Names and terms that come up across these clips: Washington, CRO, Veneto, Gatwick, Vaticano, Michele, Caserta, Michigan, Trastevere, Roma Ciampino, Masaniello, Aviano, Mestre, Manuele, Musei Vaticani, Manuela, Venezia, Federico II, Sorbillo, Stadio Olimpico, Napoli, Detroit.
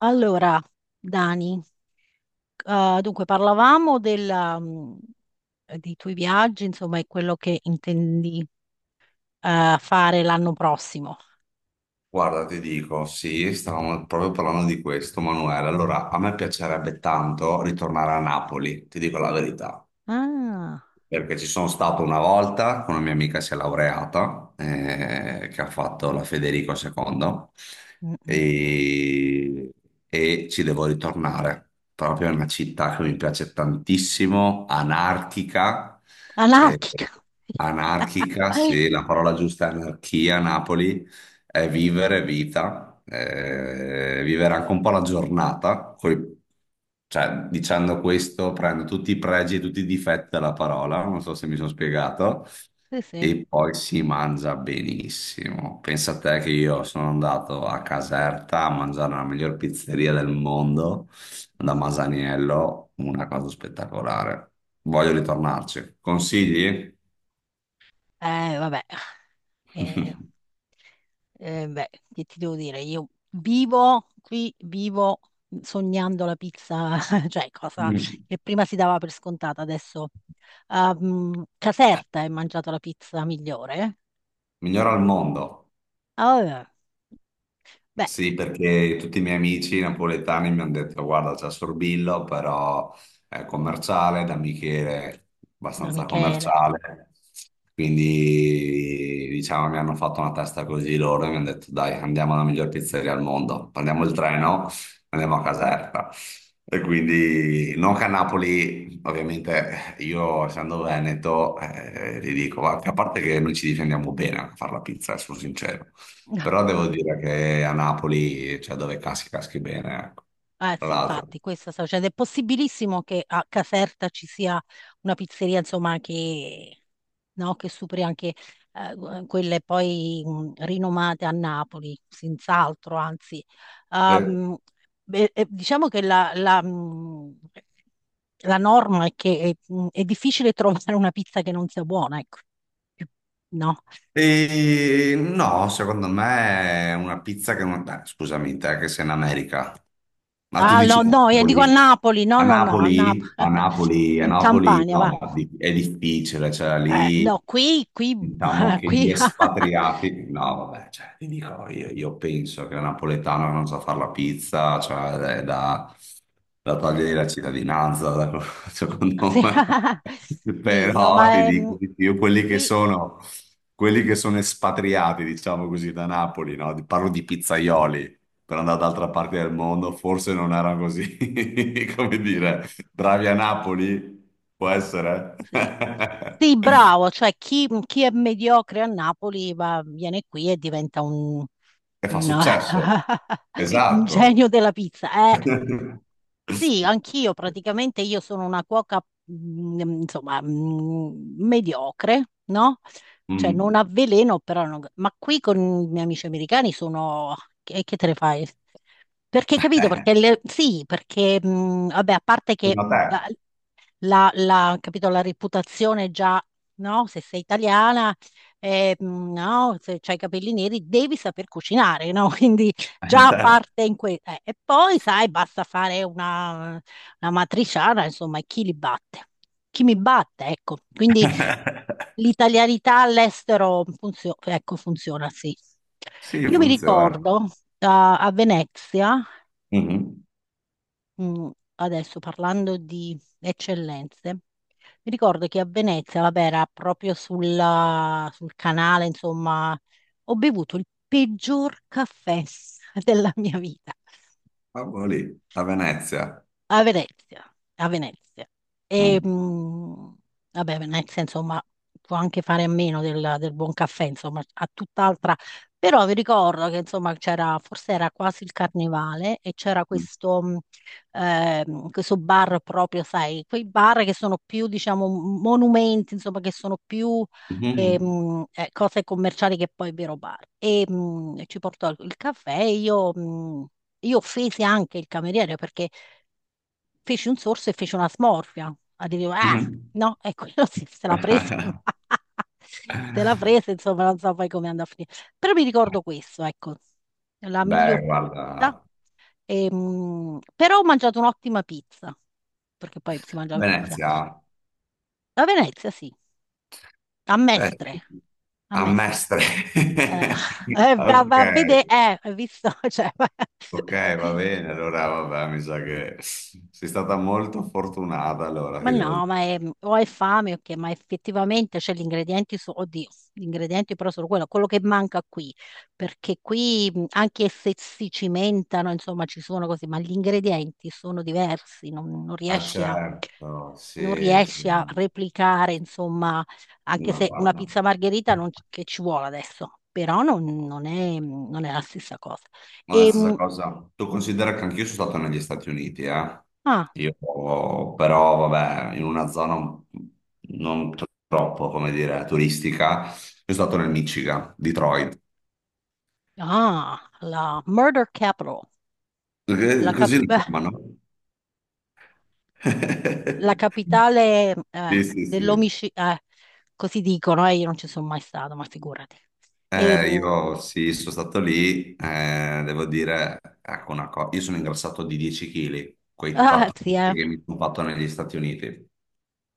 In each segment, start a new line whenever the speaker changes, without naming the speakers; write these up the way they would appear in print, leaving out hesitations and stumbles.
Allora, Dani, dunque parlavamo della, dei tuoi viaggi, insomma, e quello che intendi fare l'anno prossimo.
Guarda, ti dico, sì, stavamo proprio parlando di questo, Manuele. Allora, a me piacerebbe tanto ritornare a Napoli, ti dico la verità,
Ah,
perché ci sono stato una volta con una mia amica si è laureata, che ha fatto la Federico II,
mm, mm.
e, e ci devo ritornare. Proprio è una città che mi piace tantissimo, anarchica, eh,
Anarchica!
anarchica, sì, la parola giusta è anarchia, Napoli è vivere vita, vivere anche un po' la giornata, cioè dicendo questo prendo tutti i pregi e tutti i difetti della parola, non so se mi sono spiegato,
Sì, sì.
e poi si mangia benissimo. Pensa a te che io sono andato a Caserta a mangiare la miglior pizzeria del mondo,
Mm.
da Masaniello, una cosa spettacolare. Voglio ritornarci. Consigli?
Eh, vabbè, Eh, beh, che ti devo dire? Io vivo qui, vivo sognando la pizza, cioè cosa
Mm.
che prima si dava per scontata, adesso... Ah, Caserta hai mangiato la pizza migliore?
Migliora al mondo.
Ah, beh,
Sì, perché tutti i miei amici napoletani mi hanno detto, guarda, c'è Sorbillo, però è commerciale, da Michele,
da
abbastanza
Michele.
commerciale. Quindi, diciamo, mi hanno fatto una testa così loro e mi hanno detto, dai, andiamo alla miglior pizzeria al mondo, prendiamo il treno, andiamo a Caserta. E quindi, non che a Napoli, ovviamente, io essendo veneto, ti dico, a parte che noi ci difendiamo bene a fare la pizza, sono sincero. Però devo dire che a Napoli, cioè dove caschi, caschi bene, ecco.
Ah, eh
Tra
sì,
l'altro.
infatti, questo sta succedendo. È possibilissimo che a Caserta ci sia una pizzeria, insomma, che, no, che superi anche quelle poi rinomate a Napoli, senz'altro, anzi.
le-
Ehm, beh, diciamo che la la norma è che è difficile trovare una pizza che non sia buona, ecco. Più- No?
E no, secondo me è una pizza che non. Beh, scusami, te che sei in America. Ma tu
Ah,
dici
no, no, io dico a
Napoli?
Napoli, no,
A
no, no, a Napoli,
Napoli? A Napoli, a
in
Napoli
Campania, va.
no, è difficile, cioè lì
No, qui, qui,
diciamo che gli
qui,
espatriati, no vabbè, cioè, ti dico, io penso che un napoletano non sa fare la pizza, cioè è da
sì,
togliere la cittadinanza, secondo
sì,
me.
sì, no,
Però ti
ma
dico
ehm,
di più,
qui,
quelli che sono espatriati, diciamo così, da Napoli, no? Parlo di pizzaioli per andare d'altra parte del mondo, forse non erano così, come
sì,
dire, bravi a Napoli, può essere.
sì. Sì, bravo, cioè chi, chi è mediocre a Napoli va, viene qui e diventa
E fa
un,
successo.
un
Esatto.
genio della pizza, eh. Sì, anch'io praticamente io sono una cuoca, insomma, mediocre, no? Cioè non
Mm.
avveleno, però non- Ma qui con i miei amici americani sono... che te ne fai? Perché, capito? Perché le- sì, perché, vabbè, a parte
Sì.
che
Ma
mm,
te,
capito, la reputazione già, no? Se sei italiana, no? Se hai i capelli neri, devi saper cucinare, no? Quindi
eh,
già
certo.
parte in questo. E poi, sai, basta fare una matriciana, insomma, e chi li batte? Chi mi batte, ecco. Quindi l'italianità all'estero funzio- ecco, funziona, sì.
Sì,
Io mi
funziona.
ricordo a Venezia,
Mhm.
mm, adesso parlando di eccellenze, mi ricordo che a Venezia, vabbè, era proprio sulla- sul canale, insomma, ho bevuto il peggior caffè della mia vita
Ah, boh, lì, a Venezia.
a Venezia, a Venezia. E,
Mm.
mh, vabbè, Venezia, insomma, può anche fare a meno del, del buon caffè, insomma, a tutt'altra. Però vi ricordo che, insomma, c'era, forse era quasi il carnevale e c'era questo questo bar proprio, sai, quei bar che sono più, diciamo, monumenti, insomma, che sono più
Mhm.
cose commerciali che poi vero bar. Ci portò il caffè e io... Io offesi anche il cameriere perché feci un sorso e fece una smorfia. Ah, dicevo, ah,
Mhm.
no, e quello si- se la prese, ma se la prese, insomma, non so poi come andò a finire. Però mi ricordo questo, ecco, la miglior
Beh, guarda,
pizza. Però ho mangiato un'ottima pizza, perché poi si mangiava pizza.
Venezia,
A Venezia, sì, a
beh,
Mestre, a
a
Mestre.
Mestre.
Eh, va,
Ok,
va a vedere, hai visto? Cioè,
ok, va bene. Allora, vabbè, mi sa che sei stata molto fortunata, allora,
Ma
ti devo
no,
dire.
ma è- o hai fame o che, ma effettivamente c'è gli ingredienti, su, oddio, gli ingredienti però sono quello, quello che manca qui, perché qui anche se si cimentano, insomma, ci sono così, ma gli ingredienti sono diversi, non, non
Ah,
riesci a,
certo,
non
sì,
riesci a
sì.
replicare, insomma, anche
Ma
se una
guarda,
pizza margherita non, c- che ci vuole adesso, però non, non è, non è la stessa cosa.
ma
E,
la stessa
mh,
cosa. Tu considera che anch'io sono stato negli Stati Uniti, eh?
ah,
Io, però, vabbè, in una zona non troppo, come dire, turistica. Io sono stato nel Michigan, Detroit.
ah, la Murder Capital,
Perché
la cap-
così lo chiamano.
la capitale
Sì, sì, sì.
dell'omicidio, così dicono, io non ci sono mai stato, ma figurati. E, mm,
Io sì, sono stato lì, devo dire, ecco una cosa, io sono ingrassato di 10 kg, quei
ah,
4
sì,
kg che mi sono fatto negli Stati Uniti,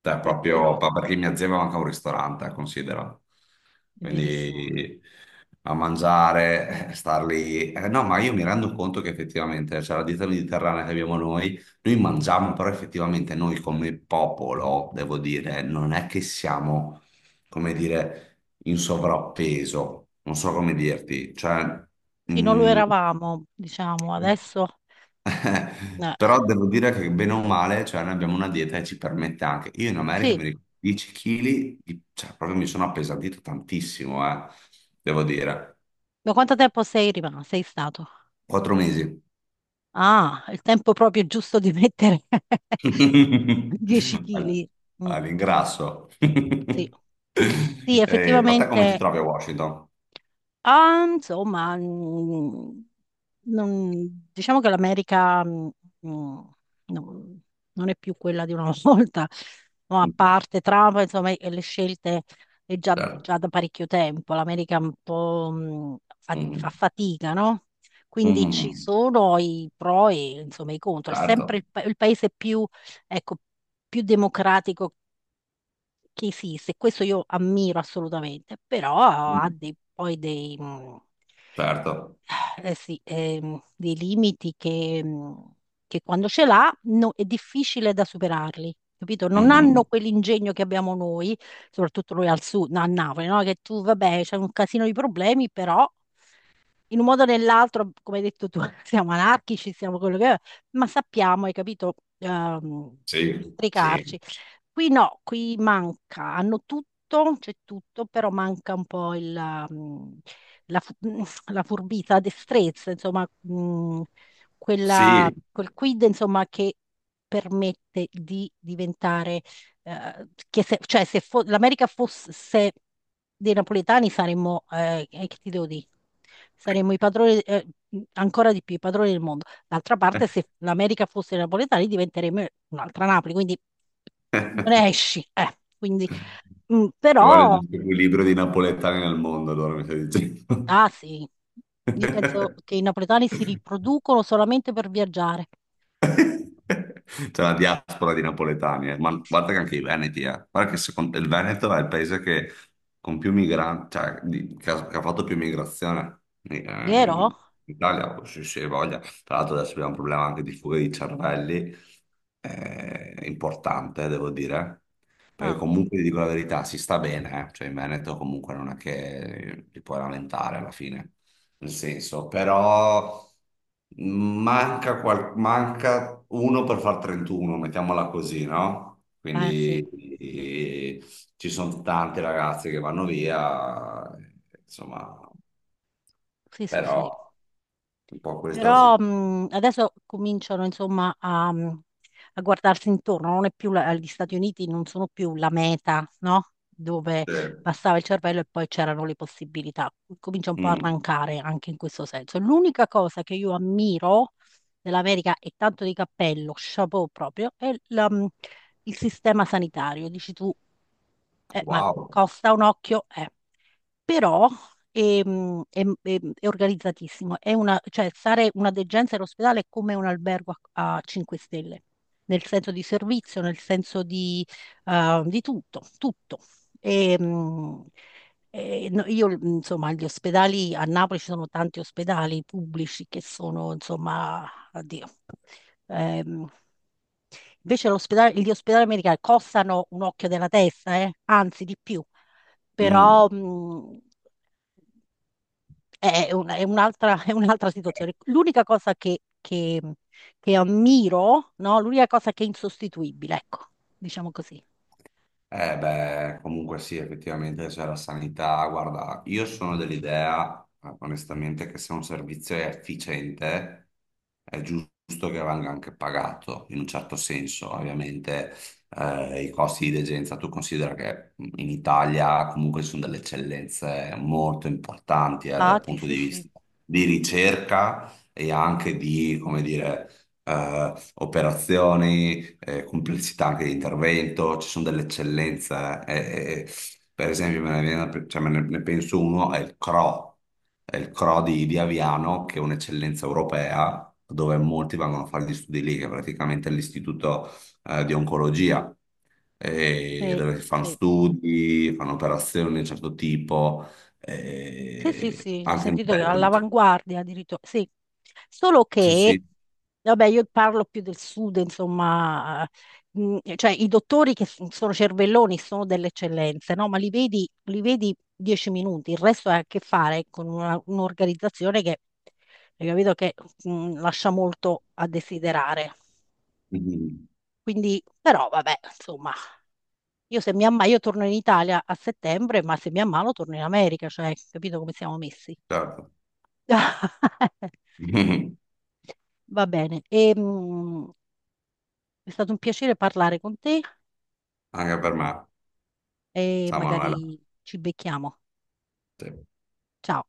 cioè
è
proprio
vero,
ma perché mia zia aveva anche un ristorante, considera,
è verissimo.
quindi a mangiare, star lì, eh, no, ma io mi rendo conto che effettivamente, cioè la dieta mediterranea che abbiamo noi, noi mangiamo, però effettivamente noi come popolo, devo dire, non è che siamo, come dire in sovrappeso, non so come dirti, cioè,
Sì, non lo
mm,
eravamo, diciamo, adesso... eh,
però devo dire che bene o male, cioè, noi abbiamo una dieta che ci permette anche, io in America
sì,
mi ricordo 10 kg, cioè, proprio mi sono appesantito tantissimo, devo dire,
da quanto tempo sei rimasto? Sei stato?
4 mesi.
Ah, il tempo proprio giusto di mettere 10
All-
kg.
All'ingrasso.
Sì. Sì,
Ma te come ti
effettivamente
trovi a Washington?
Ah, insomma, non- diciamo che l'America mm, non, non è più quella di una volta, no, a
Mm.
parte Trump, insomma, e le scelte è già,
Certo.
già da parecchio tempo. L'America un po' fa, fa
Mhm.
fatica, no? Quindi ci
Mhm.
sono i pro e insomma, i contro. È sempre
Certo.
il, pa- il paese più, ecco, più democratico che esiste, questo io ammiro assolutamente, però ha dei- poi dei,
Certo.
eh sì, dei limiti che quando ce l'ha no- è difficile da superarli. Capito? Non hanno
Mhm.
quell'ingegno che abbiamo noi, soprattutto noi al sud, no, a Napoli, no? Che tu, vabbè, c'è un casino di problemi, però in un modo o nell'altro, come hai detto tu, siamo anarchici, siamo quello che è, ma sappiamo, hai capito,
Sì. Sì.
districarci. Qui no, qui manca, hanno tutto, c'è tutto, però manca un po' il, la, fu- mm, la furbizia, la destrezza, insomma, quella-
Sì.
quel quid, insomma, che permette di diventare, che se, cioè se fo- l'America fosse dei napoletani saremmo, che ti devo dire, saremmo i padroni, ancora di più, i padroni del mondo. D'altra parte, se l'America fosse napoletani, diventeremmo un'altra Napoli, quindi non esci.
Ci vuole il
Però,
giusto equilibrio di napoletani nel mondo, allora mi stai dicendo.
ah sì, io penso che i napoletani si riproducono solamente per viaggiare.
C'è la diaspora di napoletani, eh. Ma
Sì,
guarda che anche i Veneti, eh. Guarda che il Veneto è il paese che, con più migranti, cioè, che ha fatto più migrazione in
vero?
Italia, se si voglia. Tra l'altro adesso abbiamo un problema anche di fuga di cervelli, importante, devo dire. Perché
Ah,
comunque, ti dico la verità, si sta bene, eh. Cioè in Veneto comunque non è che ti puoi lamentare alla fine nel senso, però manca, manca uno per far 31, mettiamola così, no?
eh sì,
Quindi eh, ci sono tante ragazze che vanno via, insomma,
sì, sì, sì.
però un po' questa è la
Però
situazione.
adesso cominciano insomma a, a guardarsi intorno, non è più la- gli Stati Uniti non sono più la meta, no? Dove passava il cervello e poi c'erano le possibilità. Comincia un po' a
Mm.
arrancare anche in questo senso. L'unica cosa che io ammiro dell'America, e tanto di cappello, chapeau proprio, è il sistema sanitario. Dici tu, ma
Wow.
costa un occhio, eh. Però è organizzatissimo. È una, cioè, stare una degenza all'ospedale è come un albergo a 5 stelle, nel senso di servizio, nel senso di tutto, tutto. Ehm, no, io, insomma, gli ospedali a Napoli ci sono tanti ospedali pubblici che sono, insomma, addio. ehm, Invece l'ospedale- gli ospedali americani costano un occhio della testa, anzi di più, però
Mm.
mh, è un'altra è un'altra situazione. L'unica cosa che ammiro, no? L'unica cosa che è insostituibile, ecco, diciamo così.
Eh beh, comunque sì, effettivamente c'è la sanità. Guarda, io sono dell'idea, onestamente, che se un servizio è efficiente, è giusto che venga anche pagato, in un certo senso. Ovviamente, i costi di degenza, tu considera che in Italia comunque ci sono delle eccellenze molto importanti, dal
Infatti,
punto
sì,
di
sì,
vista di ricerca e anche di, come dire, operazioni complessità anche di intervento, ci sono delle eccellenze. eh, eh, eh, per esempio, cioè, ne penso uno, è il CRO, di Aviano, che è un'eccellenza europea, dove molti vanno a fare gli studi lì, che è praticamente l'istituto di oncologia,
sì,
dove si fanno
sì.
studi, fanno operazioni di un certo tipo,
Sì, sì, sì, ho
anche in
sentito che era
Italia, cioè.
all'avanguardia addirittura. Sì, solo
Sì,
che,
sì.
vabbè, io parlo più del sud, insomma, cioè i dottori che s- sono cervelloni sono delle eccellenze, no? Ma li vedi 10 minuti, il resto ha a che fare con una- un'organizzazione che, hai capito, che lascia molto a desiderare.
Mhm.
Quindi, però, vabbè, insomma, io se mi ammalo, io torno in Italia a settembre, ma se mi ammalo torno in America, cioè, capito come siamo messi?
Certo.
Va bene, è stato un piacere parlare con te
Anche per me,
e
ciao Manuela.
magari ci becchiamo.
Sì.
Ciao.